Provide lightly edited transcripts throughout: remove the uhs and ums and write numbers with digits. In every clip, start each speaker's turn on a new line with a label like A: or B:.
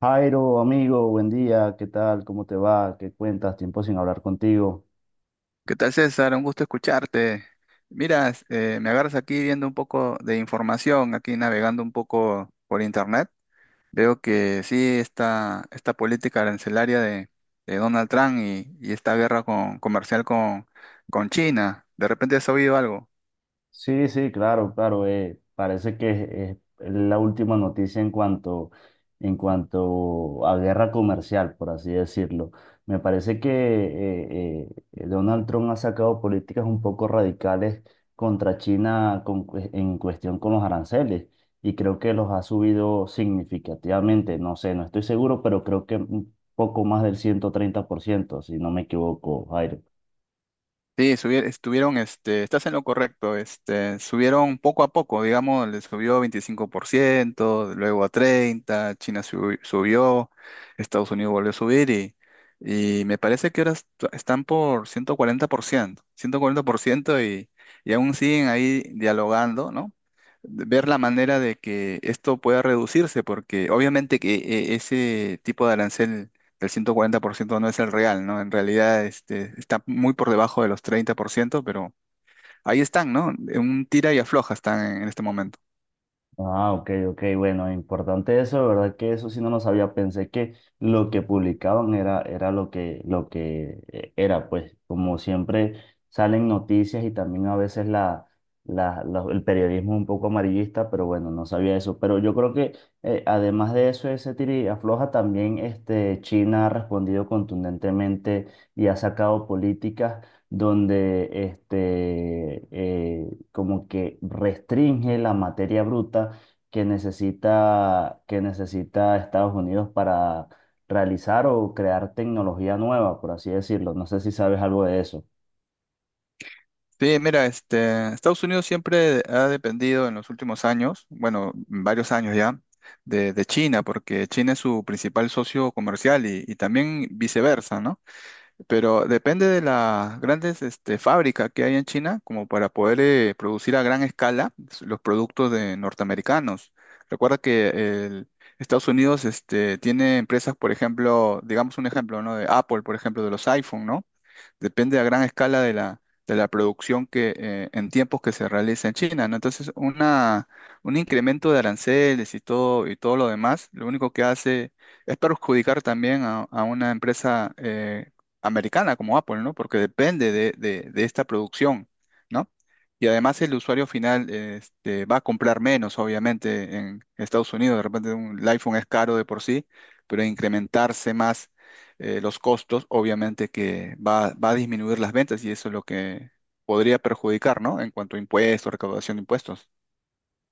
A: Jairo, amigo, buen día, ¿qué tal? ¿Cómo te va? ¿Qué cuentas? Tiempo sin hablar contigo.
B: ¿Qué tal, César? Un gusto escucharte. Mira, me agarras aquí viendo un poco de información, aquí navegando un poco por internet. Veo que sí, esta política arancelaria de Donald Trump y esta comercial con China. ¿De repente has oído algo?
A: Sí, sí, claro, claro. Parece que es la última noticia en cuanto a guerra comercial, por así decirlo. Me parece que Donald Trump ha sacado políticas un poco radicales contra China en cuestión con los aranceles y creo que los ha subido significativamente. No sé, no estoy seguro, pero creo que un poco más del 130%, si no me equivoco, Jairo.
B: Sí, estuvieron, estás en lo correcto, subieron poco a poco, digamos, le subió 25%, luego a 30, subió, Estados Unidos volvió a subir y me parece que ahora están por 140%, ciento cuarenta por ciento y aún siguen ahí dialogando, ¿no? Ver la manera de que esto pueda reducirse, porque obviamente que ese tipo de arancel el 140% no es el real, ¿no? En realidad está muy por debajo de los 30%, pero ahí están, ¿no? En un tira y afloja están en este momento.
A: Ah, ok, ok, bueno, importante eso, de verdad que eso sí no lo sabía, pensé que lo que publicaban era lo que, lo que era, pues como siempre salen noticias y también a veces la, el periodismo es un poco amarillista, pero bueno, no sabía eso, pero yo creo que además de eso, ese tira y afloja, también este, China ha respondido contundentemente y ha sacado políticas donde este, como que restringe la materia bruta que necesita Estados Unidos para realizar o crear tecnología nueva, por así decirlo. No sé si sabes algo de eso.
B: Sí, mira, Estados Unidos siempre ha dependido en los últimos años, bueno, varios años ya, de China, porque China es su principal socio comercial y también viceversa, ¿no? Pero depende de las grandes fábricas que hay en China como para poder producir a gran escala los productos de norteamericanos. Recuerda que el- Estados Unidos tiene empresas, por ejemplo, digamos un ejemplo, ¿no? De Apple, por ejemplo, de los iPhone, ¿no? Depende a gran escala de de la producción que en tiempos que se realiza en China, ¿no? Entonces, un incremento de aranceles y todo lo demás, lo único que hace es perjudicar también a una empresa americana como Apple, ¿no? Porque depende de esta producción, ¿no? Y además el usuario final va a comprar menos, obviamente, en Estados Unidos. De repente el iPhone es caro de por sí, pero incrementarse más los costos, obviamente que va a disminuir las ventas y eso es lo que podría perjudicar, ¿no? En cuanto a impuestos, recaudación de impuestos.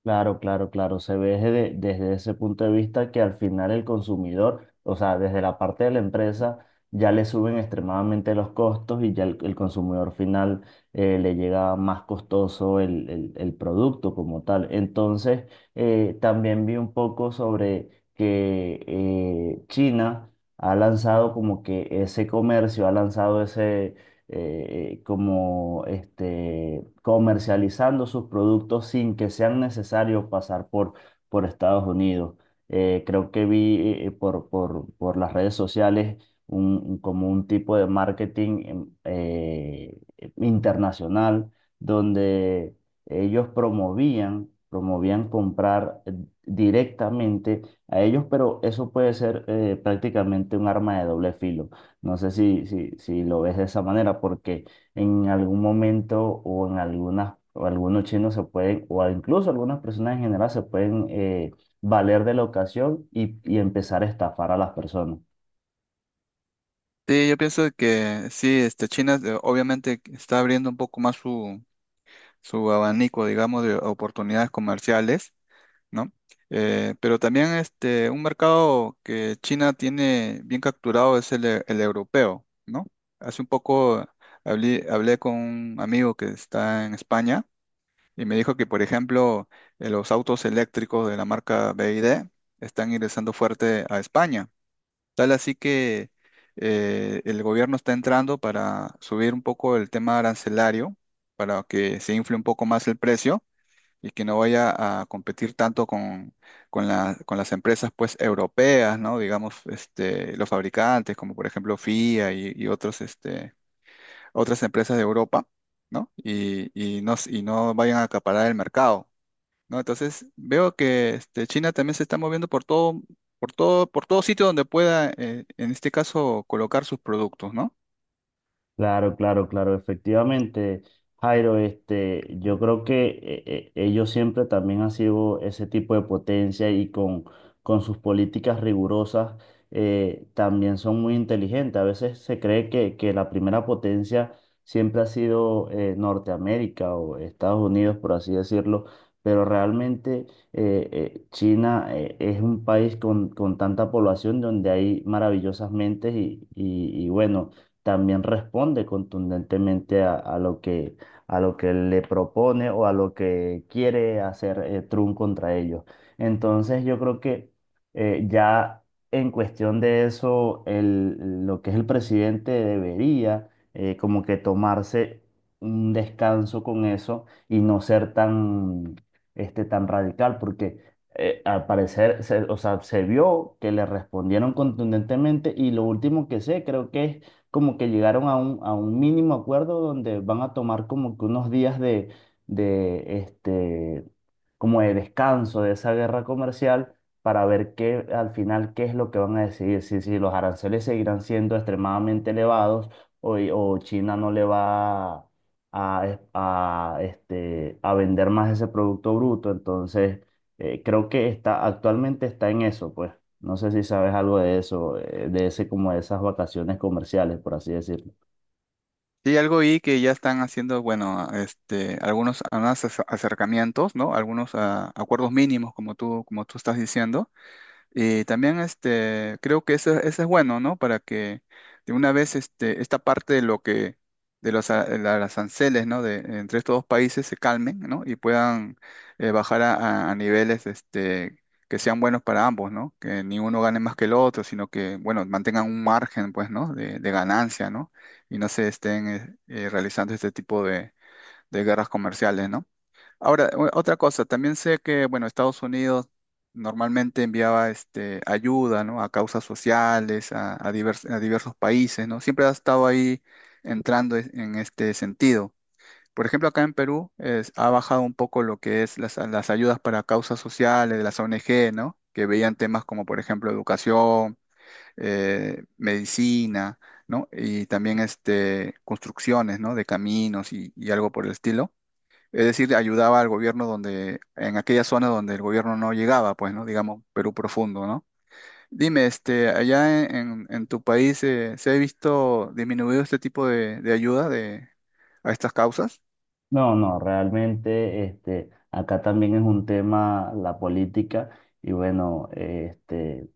A: Claro, claro, claro. Se ve desde, desde ese punto de vista que al final el consumidor, o sea, desde la parte de la empresa, ya le suben extremadamente los costos y ya el consumidor final le llega más costoso el, el producto como tal. Entonces, también vi un poco sobre que China ha lanzado como que ese comercio, ha lanzado como este, comercializando sus productos sin que sean necesarios pasar por Estados Unidos. Creo que vi por, por las redes sociales un, como un tipo de marketing internacional donde ellos promovían, promovían comprar directamente a ellos, pero eso puede ser prácticamente un arma de doble filo no sé si lo ves de esa manera, porque en algún momento o en algunas, o algunos chinos se pueden, o incluso algunas personas en general se pueden valer de la ocasión y empezar a estafar a las personas.
B: Sí, yo pienso que sí, China obviamente está abriendo un poco más su abanico, digamos, de oportunidades comerciales, ¿no? Pero también un mercado que China tiene bien capturado es el europeo, ¿no? Hace un poco hablé con un amigo que está en España y me dijo que, por ejemplo, los autos eléctricos de la marca BYD están ingresando fuerte a España. Tal así que el gobierno está entrando para subir un poco el tema arancelario, para que se infle un poco más el precio y que no vaya a competir tanto con con las empresas, pues, europeas, ¿no? Digamos, los fabricantes, como por ejemplo FIA y otros, otras empresas de Europa, ¿no? Y no, y no vayan a acaparar el mercado, ¿no? Entonces veo que China también se está moviendo por todo, por todo sitio donde pueda, en este caso, colocar sus productos, ¿no?
A: Claro, claro, claro, efectivamente, Jairo, este, yo creo que ellos siempre también han sido ese tipo de potencia y con sus políticas rigurosas también son muy inteligentes. A veces se cree que la primera potencia siempre ha sido Norteamérica o Estados Unidos, por así decirlo, pero realmente China es un país con tanta población donde hay maravillosas mentes y, y bueno también responde contundentemente a lo que le propone o a lo que quiere hacer Trump contra ellos. Entonces yo creo que ya en cuestión de eso, lo que es el presidente debería como que tomarse un descanso con eso y no ser tan, este, tan radical, porque al parecer, se, o sea, se vio que le respondieron contundentemente y lo último que sé creo que es como que llegaron a un mínimo acuerdo donde van a tomar como que unos días de, este, como de descanso de esa guerra comercial para ver qué, al final qué es lo que van a decidir, si, si los aranceles seguirán siendo extremadamente elevados o China no le va a, este, a vender más ese producto bruto. Entonces, creo que está, actualmente está en eso, pues. No sé si sabes algo de eso, de ese como de esas vacaciones comerciales, por así decirlo.
B: Sí, algo ahí que ya están haciendo, bueno, algunos, acercamientos, ¿no? Algunos ah, acuerdos mínimos, como tú estás diciendo. Y también creo que eso es bueno, ¿no? Para que de una vez esta parte de lo que, de de las aranceles, ¿no? De, entre estos dos países se calmen, ¿no? Y puedan bajar a niveles que sean buenos para ambos, ¿no? Que ni uno gane más que el otro, sino que, bueno, mantengan un margen, pues, ¿no? De ganancia, ¿no? Y no se estén realizando este tipo de guerras comerciales, ¿no? Ahora, otra cosa, también sé que, bueno, Estados Unidos normalmente enviaba ayuda, ¿no? A causas sociales, a a diversos países, ¿no? Siempre ha estado ahí en este sentido. Por ejemplo, acá en Perú ha bajado un poco lo que es las ayudas para causas sociales de las ONG, ¿no? Que veían temas como, por ejemplo, educación, medicina, ¿no? Y también construcciones, ¿no? De caminos y algo por el estilo, es decir, ayudaba al gobierno donde, en aquella zona donde el gobierno no llegaba, pues, ¿no? Digamos, Perú profundo, ¿no? Dime, allá en tu país, ¿se ha visto disminuido este tipo de ayuda de, a estas causas?
A: No, no, realmente este, acá también es un tema la política y bueno, este,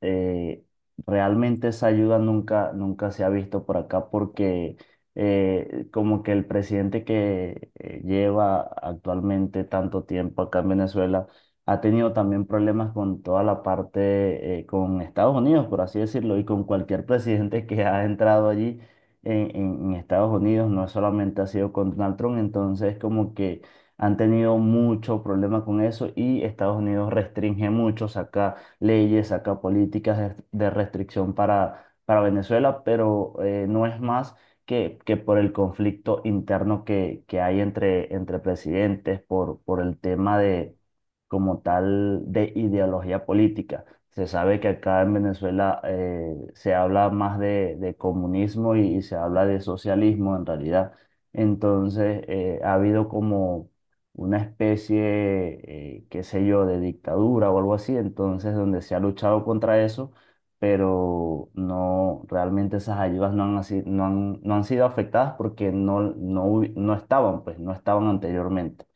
A: eh, realmente esa ayuda nunca, nunca se ha visto por acá porque como que el presidente que lleva actualmente tanto tiempo acá en Venezuela ha tenido también problemas con toda la parte, con Estados Unidos, por así decirlo, y con cualquier presidente que ha entrado allí en, en Estados Unidos, no solamente ha sido con Donald Trump, entonces como que han tenido mucho problema con eso y Estados Unidos restringe mucho, acá leyes, saca políticas de restricción para Venezuela, pero no es más que por el conflicto interno que hay entre, entre presidentes, por el tema de, como tal, de ideología política. Se sabe que acá en Venezuela se habla más de comunismo y se habla de socialismo en realidad. Entonces, ha habido como una especie, qué sé yo, de dictadura o algo así, entonces donde se ha luchado contra eso, pero no, realmente esas ayudas no han, no han, no han sido afectadas porque no, no, no estaban, pues no estaban anteriormente.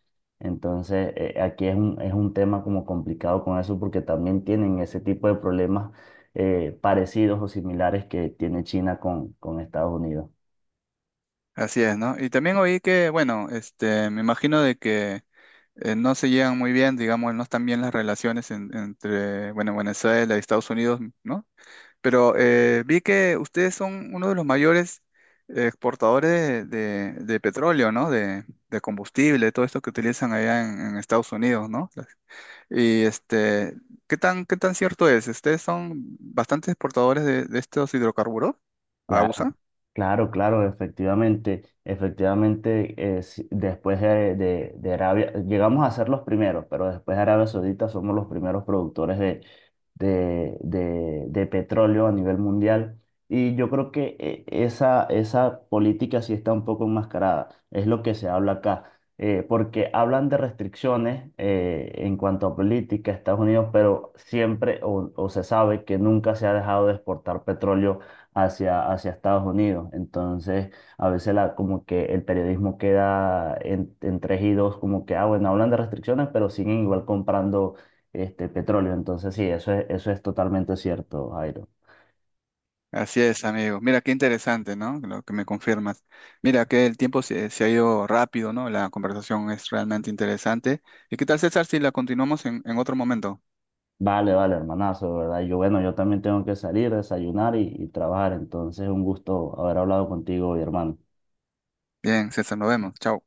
A: Entonces, aquí es un tema como complicado con eso porque también tienen ese tipo de problemas parecidos o similares que tiene China con Estados Unidos.
B: Así es, ¿no? Y también oí que, bueno, me imagino de que no se llevan muy bien, digamos, no están bien las relaciones entre, bueno, Venezuela y Estados Unidos, ¿no? Pero vi que ustedes son uno de los mayores exportadores de petróleo, ¿no? De combustible, todo esto que utilizan allá en Estados Unidos, ¿no? Y qué tan cierto es? ¿Ustedes son bastantes exportadores de estos hidrocarburos a USA?
A: Claro, claro, efectivamente, efectivamente, después de, de Arabia, llegamos a ser los primeros, pero después de Arabia Saudita somos los primeros productores de, de petróleo a nivel mundial. Y yo creo que esa, esa política sí está un poco enmascarada, es lo que se habla acá, porque hablan de restricciones en cuanto a política, Estados Unidos, pero siempre o se sabe que nunca se ha dejado de exportar petróleo hacia, hacia Estados Unidos. Entonces, a veces la, como que el periodismo queda en 3-2, como que, ah, bueno, hablan de restricciones, pero siguen igual comprando este petróleo. Entonces, sí, eso es totalmente cierto, Jairo.
B: Así es, amigo. Mira, qué interesante, ¿no? Lo que me confirmas. Mira, que el tiempo se ha ido rápido, ¿no? La conversación es realmente interesante. ¿Y qué tal, César, si la continuamos en otro momento?
A: Vale, vale, hermanazo, ¿verdad? Yo, bueno, yo también tengo que salir, desayunar y trabajar. Entonces, un gusto haber hablado contigo, hoy, hermano.
B: Bien, César, nos vemos. Chao.